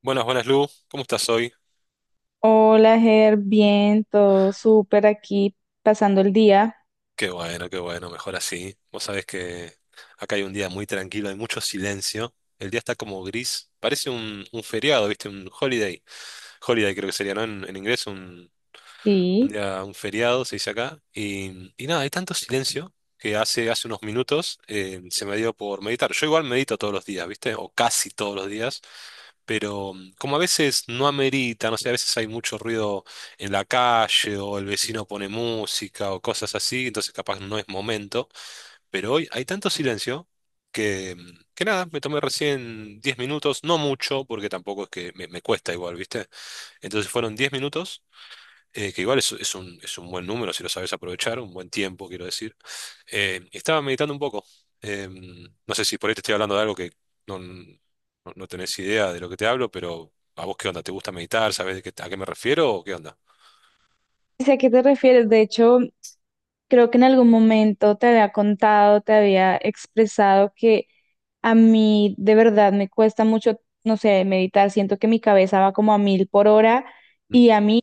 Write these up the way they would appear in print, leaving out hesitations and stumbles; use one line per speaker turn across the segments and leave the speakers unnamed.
Buenas, buenas, Lu. ¿Cómo estás hoy?
Hola, Ger, bien, todo súper aquí, pasando el día.
Qué bueno, mejor así. Vos sabés que acá hay un día muy tranquilo, hay mucho silencio. El día está como gris. Parece un feriado, ¿viste? Un holiday. Holiday creo que sería, ¿no? En inglés, un
Sí,
día, un feriado se dice acá. Y nada, hay tanto silencio que hace unos minutos se me dio por meditar. Yo igual medito todos los días, ¿viste? O casi todos los días. Pero como a veces no amerita, no sé, a veces hay mucho ruido en la calle o el vecino pone música o cosas así, entonces capaz no es momento, pero hoy hay tanto silencio que nada, me tomé recién 10 minutos, no mucho, porque tampoco es que me cuesta igual, ¿viste? Entonces fueron 10 minutos que igual es un buen número si lo sabes aprovechar, un buen tiempo, quiero decir. Estaba meditando un poco. No sé si por ahí te estoy hablando de algo que no, no, no tenés idea de lo que te hablo, pero ¿a vos qué onda? ¿Te gusta meditar? ¿Sabés de qué, a qué me refiero o qué onda?
sé a qué te refieres. De hecho, creo que en algún momento te había contado, te había expresado que a mí de verdad me cuesta mucho, no sé, meditar. Siento que mi cabeza va como a mil por hora
¿Mm?
y a mí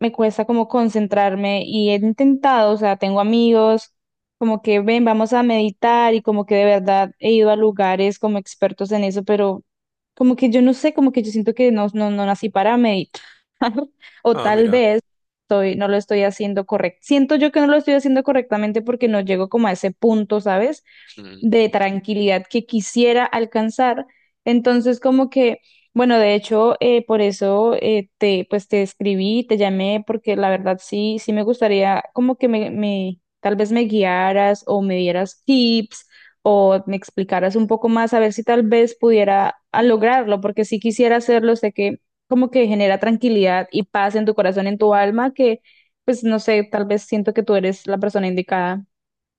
me cuesta como concentrarme y he intentado, o sea, tengo amigos como que ven, vamos a meditar y como que de verdad he ido a lugares como expertos en eso, pero como que yo no sé, como que yo siento que no nací para meditar o
Ah,
tal
mira.
vez estoy, no lo estoy haciendo correcto. Siento yo que no lo estoy haciendo correctamente porque no llego como a ese punto, ¿sabes?
Mm,
De tranquilidad que quisiera alcanzar. Entonces, como que, bueno, de hecho, por eso te, pues te escribí, te llamé, porque la verdad sí me gustaría como que me tal vez me guiaras o me dieras tips o me explicaras un poco más a ver si tal vez pudiera lograrlo, porque si quisiera hacerlo, sé que como que genera tranquilidad y paz en tu corazón, en tu alma, que pues no sé, tal vez siento que tú eres la persona indicada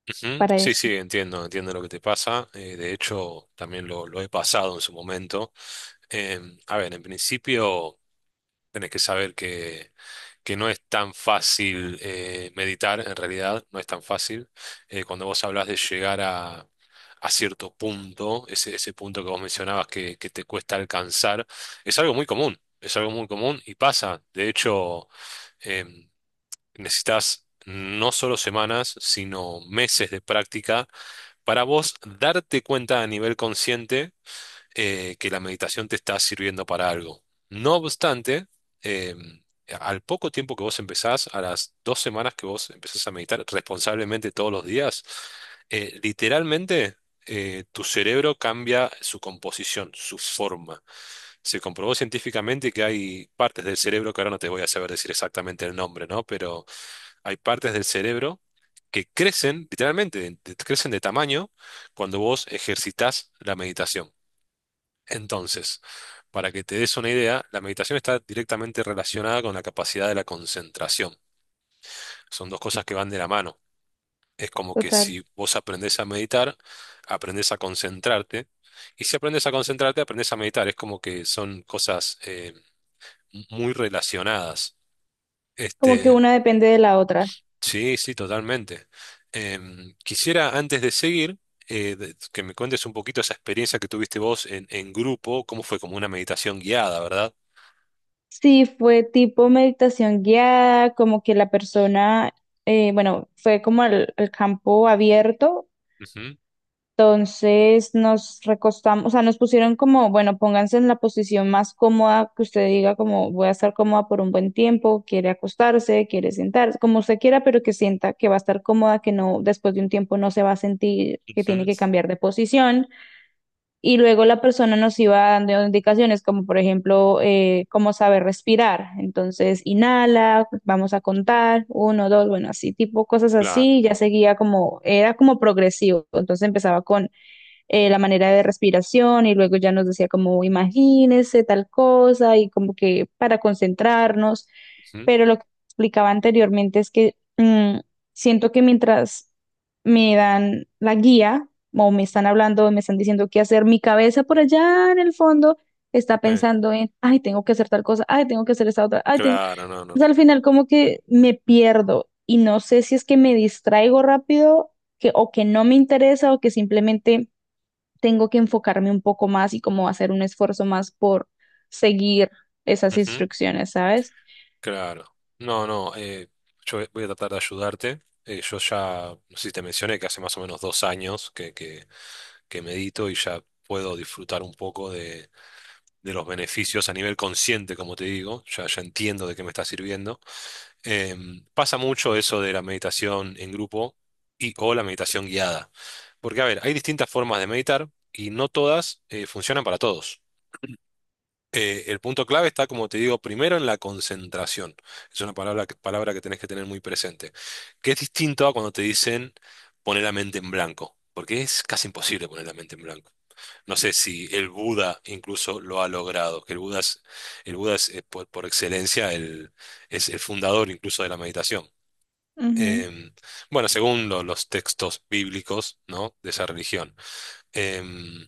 ujú.
para
Sí,
eso.
sí, entiendo, entiendo lo que te pasa. De hecho, también lo he pasado en su momento. Eh, a ver, en principio, tenés que saber que no es tan fácil meditar, en realidad, no es tan fácil. Cuando vos hablas de llegar a cierto punto, ese punto que vos mencionabas que te cuesta alcanzar, es algo muy común, es algo muy común y pasa. De hecho, em, necesitas no solo semanas, sino meses de práctica para vos darte cuenta a nivel consciente que la meditación te está sirviendo para algo. No obstante, eh, al poco tiempo que vos empezás, a las 2 semanas que vos empezás a meditar responsablemente todos los días, literalmente tu cerebro cambia su composición, su forma. Se comprobó científicamente que hay partes del cerebro, que ahora no te voy a saber decir exactamente el nombre, ¿no? Pero hay partes del cerebro que crecen, literalmente, crecen de tamaño cuando vos ejercitás la meditación. Entonces, para que te des una idea, la meditación está directamente relacionada con la capacidad de la concentración. Son dos cosas que van de la mano. Es como que
Total.
si vos aprendés a meditar, aprendés a concentrarte, y si aprendes a concentrarte, aprendes a meditar. Es como que son cosas muy relacionadas.
Como que
Este,
una depende de la otra.
sí, sí, totalmente. Quisiera, antes de seguir, que me cuentes un poquito esa experiencia que tuviste vos en grupo, cómo fue como una meditación guiada, ¿verdad?
Sí, fue tipo meditación guiada, como que la persona, bueno, fue como el campo abierto, entonces nos recostamos, o sea, nos pusieron como, bueno, pónganse en la posición más cómoda que usted diga, como voy a estar cómoda por un buen tiempo, quiere acostarse, quiere sentarse, como usted quiera, pero que sienta que va a estar cómoda, que no, después de un tiempo no se va a sentir que
Ujú.
tiene que cambiar de posición. Y luego la persona nos iba dando indicaciones como por ejemplo cómo saber respirar. Entonces, inhala, vamos a contar, uno, dos, bueno, así, tipo cosas
Claro.
así, ya seguía como, era como progresivo. Entonces empezaba con la manera de respiración y luego ya nos decía como imagínese tal cosa y como que para concentrarnos,
Ujú.
pero lo que explicaba anteriormente es que siento que mientras me dan la guía o me están hablando, me están diciendo qué hacer, mi cabeza por allá en el fondo está
eh,
pensando en, ay, tengo que hacer tal cosa, ay, tengo que hacer esta otra, ay, tengo...
claro. No, no,
Entonces,
no.
al final como que me pierdo y no sé si es que me distraigo rápido que, o que no me interesa o que simplemente tengo que enfocarme un poco más y como hacer un esfuerzo más por seguir esas
Ujú.
instrucciones, ¿sabes?
Claro. No, no, yo voy a tratar de ayudarte. Yo ya, no sé si te mencioné que hace más o menos 2 años que medito y ya puedo disfrutar un poco de los beneficios a nivel consciente, como te digo. Ya, ya entiendo de qué me está sirviendo. Pasa mucho eso de la meditación en grupo y o la meditación guiada. Porque, a ver, hay distintas formas de meditar y no todas funcionan para todos. El punto clave está, como te digo, primero en la concentración. Es una palabra que tenés que tener muy presente. Que es distinto a cuando te dicen poner la mente en blanco, porque es casi imposible poner la mente en blanco. No sé si el Buda incluso lo ha logrado, que el Buda es, por excelencia es el fundador incluso de la meditación.
Ujú,
Em, bueno, según los textos bíblicos, ¿no? De esa religión. Em,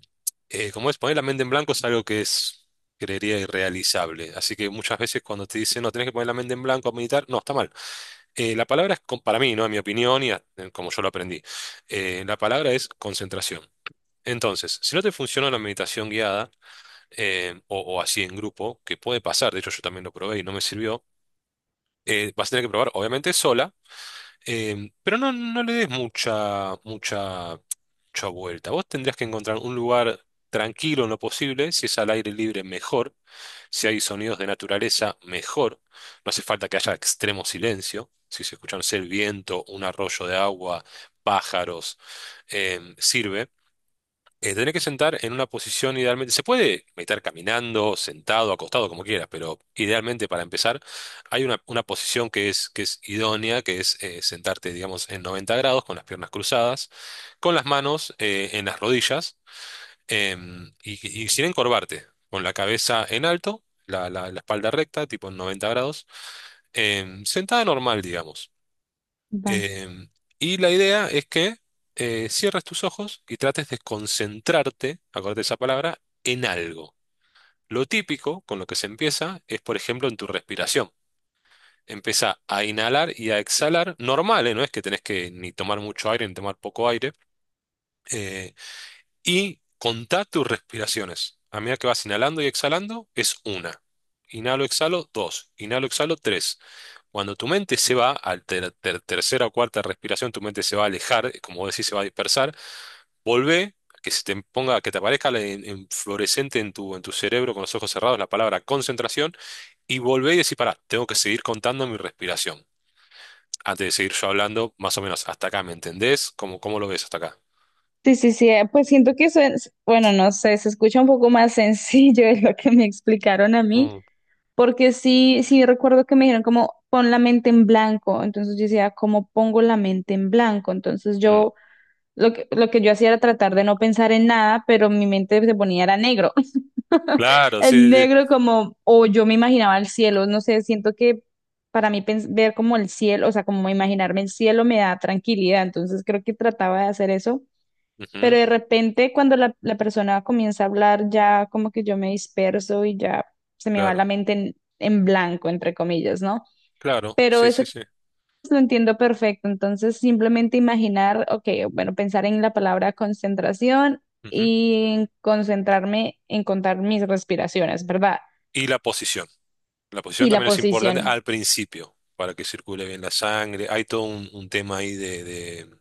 Poner la mente en blanco es algo que es, creería, irrealizable. Así que muchas veces cuando te dicen, no, tenés que poner la mente en blanco a meditar, no, está mal. La palabra es, para mí, ¿no? En mi opinión y como yo lo aprendí, la palabra es concentración. Entonces, si no te funciona la meditación guiada o así en grupo, que puede pasar, de hecho yo también lo probé y no me sirvió, vas a tener que probar, obviamente, sola. Pero no le des mucha, mucha, mucha vuelta. Vos tendrías que encontrar un lugar tranquilo en lo posible. Si es al aire libre, mejor. Si hay sonidos de naturaleza, mejor. No hace falta que haya extremo silencio. Si se escucha, no sé, el viento, un arroyo de agua, pájaros, sirve. Tenés que sentar en una posición idealmente. Se puede meditar caminando, sentado, acostado, como quieras, pero idealmente para empezar hay una posición que es idónea, que es, sentarte, digamos, en 90 grados, con las piernas cruzadas, con las manos en las rodillas y sin encorvarte, con la cabeza en alto, la espalda recta, tipo en 90 grados, sentada normal, digamos.
va.
Em, y la idea es que cierres tus ojos y trates de concentrarte, acuérdate esa palabra, en algo. Lo típico con lo que se empieza es, por ejemplo, en tu respiración. Empieza a inhalar y a exhalar, normal, ¿eh? No es que tenés que ni tomar mucho aire ni tomar poco aire. eh, y contá tus respiraciones. A medida que vas inhalando y exhalando, es una. Inhalo, exhalo, dos. Inhalo, exhalo, tres. Cuando tu mente se va, al tercera o cuarta respiración, tu mente se va a alejar, como vos decís, se va a dispersar. Volvé, que se te ponga, que te aparezca en fluorescente en tu cerebro con los ojos cerrados la palabra concentración, y volvé y decís, pará, tengo que seguir contando mi respiración. Antes de seguir yo hablando, más o menos, hasta acá, ¿me entendés? ¿Cómo lo ves hasta acá?
Sí, sí, sí, pues siento que eso es, bueno, no sé, se escucha un poco más sencillo de lo que me explicaron a mí,
Mm.
porque sí recuerdo que me dijeron como pon la mente en blanco, entonces yo decía, ¿cómo pongo la mente en blanco? Entonces
Mm.
yo, lo que yo hacía era tratar de no pensar en nada, pero mi mente se ponía era negro.
Claro,
Es
sí, sí, sí.
negro como, o yo me imaginaba el cielo, no sé, siento que para mí ver como el cielo, o sea, como imaginarme el cielo me da tranquilidad, entonces creo que trataba de hacer eso, pero
Ujú.
de repente cuando la persona comienza a hablar ya como que yo me disperso y ya se me va
Claro,
la mente en blanco, entre comillas, ¿no?
claro,
Pero
sí, sí,
eso
sí.
lo entiendo perfecto, entonces simplemente imaginar, ok, bueno, pensar en la palabra concentración
Ujú.
y en concentrarme en contar mis respiraciones, ¿verdad?
Y la posición. La posición
Y la
también es importante
posición.
al principio, para que circule bien la sangre. Hay todo un tema ahí.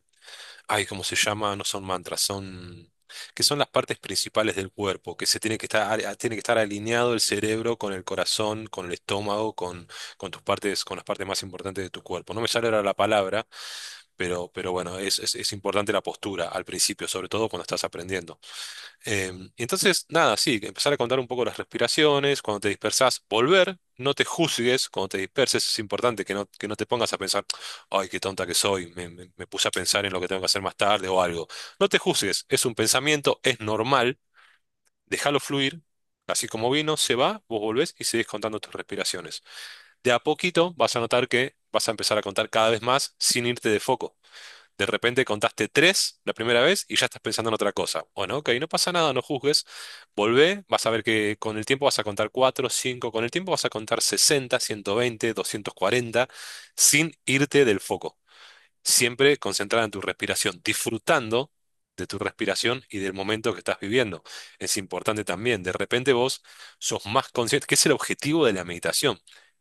Ay, ¿cómo se llama? No son mantras. Que son las partes principales del cuerpo, que se tiene que estar, tiene que estar alineado el cerebro con el corazón, con el estómago, con, tus partes, con las partes más importantes de tu cuerpo. No me sale ahora la palabra, bueno, es importante la postura al principio, sobre todo cuando estás aprendiendo. Y entonces, nada, sí, empezar a contar un poco las respiraciones, cuando te dispersas, volver, no te juzgues, cuando te disperses es importante que no te pongas a pensar, ay, qué tonta que soy, me puse a pensar en lo que tengo que hacer más tarde o algo. No te juzgues, es un pensamiento, es normal, déjalo fluir, así como vino, se va, vos volvés y seguís contando tus respiraciones. De a poquito vas a notar que vas a empezar a contar cada vez más sin irte de foco. De repente contaste tres la primera vez y ya estás pensando en otra cosa. Bueno, ok, no pasa nada, no juzgues. Volvé, vas a ver que con el tiempo vas a contar cuatro, cinco, con el tiempo vas a contar 60, 120, 240 sin irte del foco. Siempre concentrada en tu respiración, disfrutando de tu respiración y del momento que estás viviendo. Es importante también, de repente vos sos más consciente, que es el objetivo de la meditación,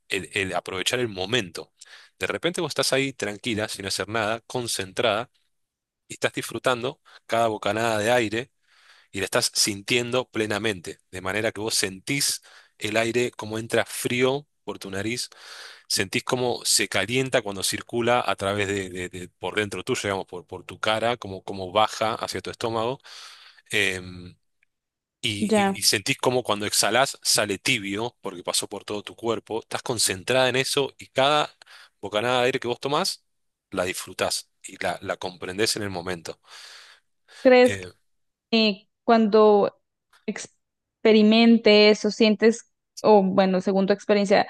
el aprovechar el momento. De repente vos estás ahí tranquila, sin hacer nada, concentrada, y estás disfrutando cada bocanada de aire y la estás sintiendo plenamente, de manera que vos sentís el aire como entra frío por tu nariz, sentís cómo se calienta cuando circula a través de, por dentro tuyo, digamos, por, tu cara, como, como baja hacia tu estómago, em, y, y-
Ya.
y sentís como cuando exhalás sale tibio, porque pasó por todo tu cuerpo, estás concentrada en eso y cada bocanada de aire que vos tomás, la disfrutás y la comprendés en el momento.
¿Crees
Eh,
que cuando experimentes o sientes, o bueno, según tu experiencia,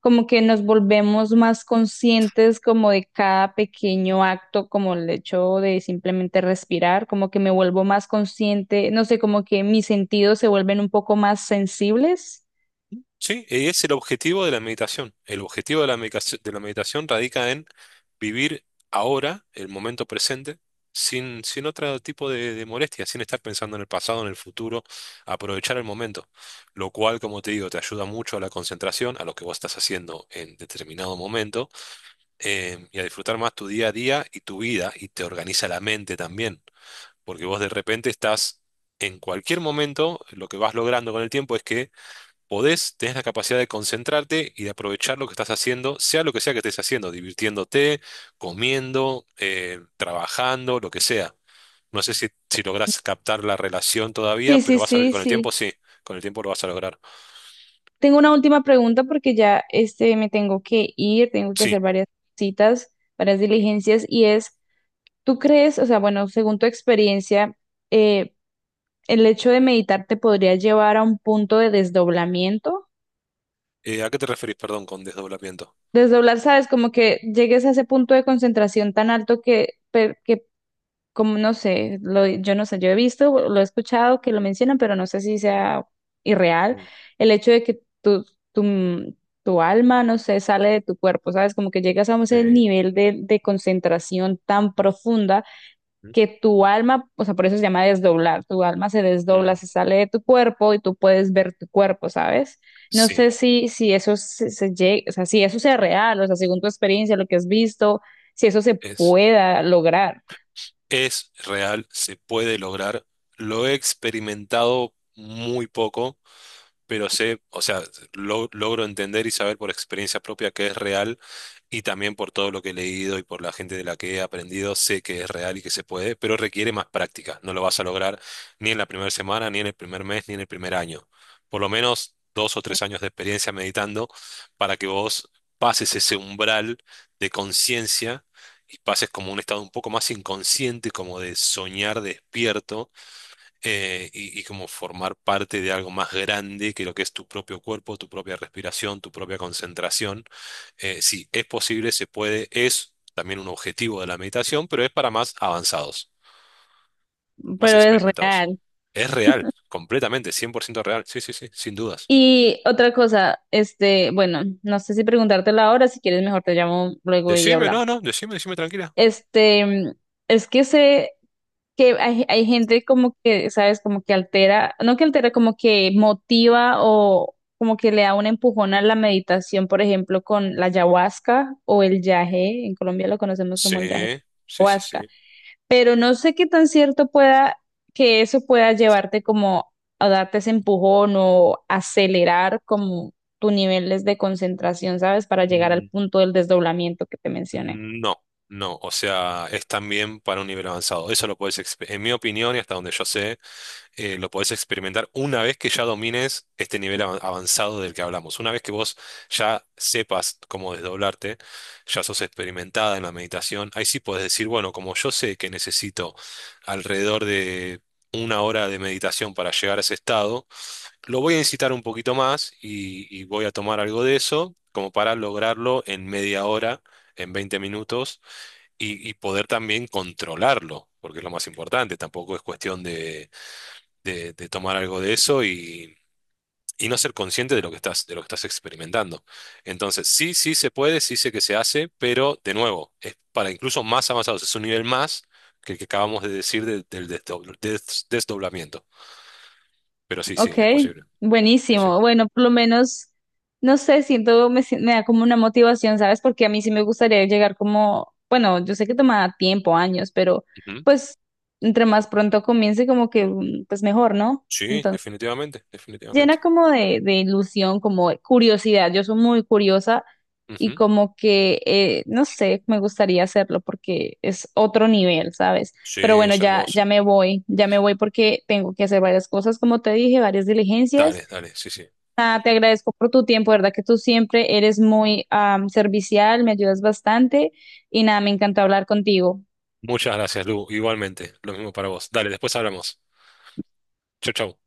como que nos volvemos más conscientes como de cada pequeño acto, como el hecho de simplemente respirar, como que me vuelvo más consciente, no sé, como que mis sentidos se vuelven un poco más sensibles?
Sí, y es el objetivo de la meditación. El objetivo de la meditación radica en vivir ahora, el momento presente, sin otro tipo de molestia, sin estar pensando en el pasado, en el futuro, aprovechar el momento, lo cual, como te digo, te ayuda mucho a la concentración, a lo que vos estás haciendo en determinado momento, y a disfrutar más tu día a día y tu vida, y te organiza la mente también, porque vos de repente estás, en cualquier momento, lo que vas logrando con el tiempo es que podés, tenés la capacidad de concentrarte y de aprovechar lo que estás haciendo, sea lo que sea que estés haciendo, divirtiéndote, comiendo, trabajando, lo que sea. No sé si lográs captar la relación todavía,
Sí,
pero
sí,
vas a ver que
sí,
con el tiempo
sí.
sí, con el tiempo lo vas a lograr.
Tengo una última pregunta porque ya este me tengo que ir, tengo que
Sí.
hacer varias citas, varias diligencias y es ¿tú crees, o sea, bueno, según tu experiencia, eh, el hecho de meditar te podría llevar a un punto de desdoblamiento?
¿A qué te referís, perdón, con desdoblamiento?
Desdoblar, ¿sabes? Como que llegues a ese punto de concentración tan alto que, que como no sé, yo no sé, yo he visto, lo he escuchado que lo mencionan, pero no sé si sea irreal,
Mm,
el hecho de que tu, mm, tu alma, no sé, sale de tu cuerpo, ¿sabes? Como que llegas a ese
eh,
nivel de concentración tan profunda
mm,
que tu alma, o sea, por eso se llama desdoblar, tu alma se desdobla,
mm,
se sale de tu cuerpo y tú puedes ver tu cuerpo, ¿sabes? No
sí,
sé si, si eso o sea, si eso sea real, o sea, según tu experiencia, lo que has visto, si eso se
es,
pueda lograr,
es real, se puede lograr. Lo he experimentado muy poco pero sé, o sea, logro entender y saber por experiencia propia que es real y también por todo lo que he leído y por la gente de la que he aprendido, sé que es real y que se puede, pero requiere más práctica. No lo vas a lograr ni en la primera semana, ni en el primer mes, ni en el primer año. Por lo menos 2 o 3 años de experiencia meditando para que vos pases ese umbral de conciencia. Y pases como un estado un poco más inconsciente, como de soñar despierto, y como formar parte de algo más grande que lo que es tu propio cuerpo, tu propia respiración, tu propia concentración. Sí, es posible, se puede, es también un objetivo de la meditación, pero es para más avanzados, más
pero es
experimentados.
real.
Es real, completamente, 100% real. Sí, sí, sí, sin dudas.
Y otra cosa, este, bueno, no sé si preguntártela ahora, si quieres mejor te llamo luego y
Decime, no,
hablamos.
no, decime, decime tranquila.
Este, es que se que hay gente como que, ¿sabes? Como que altera, no que altera, como que motiva o como que le da un empujón a la meditación, por ejemplo, con la ayahuasca o el yagé, en Colombia lo conocemos
Sí,
como el yagé,
sí, sí,
ayahuasca,
sí.
pero no sé qué tan cierto pueda que eso pueda llevarte como a darte ese empujón o acelerar como tus niveles de concentración, ¿sabes? Para llegar al
Mm.
punto del desdoblamiento que te mencioné.
No, no, o sea, es también para un nivel avanzado. Eso lo puedes, en mi opinión y hasta donde yo sé, lo podés experimentar una vez que ya domines este nivel avanzado del que hablamos. Una vez que vos ya sepas cómo desdoblarte, ya sos experimentada en la meditación, ahí sí podés decir, bueno, como yo sé que necesito alrededor de 1 hora de meditación para llegar a ese estado, lo voy a incitar un poquito más y voy a tomar algo de eso como para lograrlo en media hora. En 20 minutos y poder también controlarlo, porque es lo más importante, tampoco es cuestión de tomar algo de eso y no ser consciente de lo que estás experimentando. Entonces, sí, sí se puede, sí sé que se hace, pero de nuevo, es para incluso más avanzados, es un nivel más que el que acabamos de decir del desdoblamiento. Pero sí, sí,
Ok,
es posible. Sí, sí.
buenísimo. Bueno, por lo menos, no sé, siento, me, si- me da como una motivación, ¿sabes? Porque a mí sí me gustaría llegar como, bueno, yo sé que toma tiempo, años, pero
Ujú.
pues entre más pronto comience, como que, pues mejor, ¿no?
Sí, definitivamente, definitivamente.
Llena como de ilusión, como de curiosidad. Yo soy muy curiosa y
Ujú.
como que, no sé, me gustaría hacerlo porque es otro nivel, ¿sabes?
Sí,
Pero bueno,
es
ya,
hermoso.
ya me voy porque tengo que hacer varias cosas, como te dije, varias diligencias.
Dale, dale, sí, sí.
Nada, te agradezco por tu tiempo, ¿verdad? Que tú siempre eres muy servicial, me ayudas bastante y nada, me encantó hablar contigo.
Muchas gracias, Lu. Igualmente, lo mismo para vos. Dale, después hablamos. Chau, chau.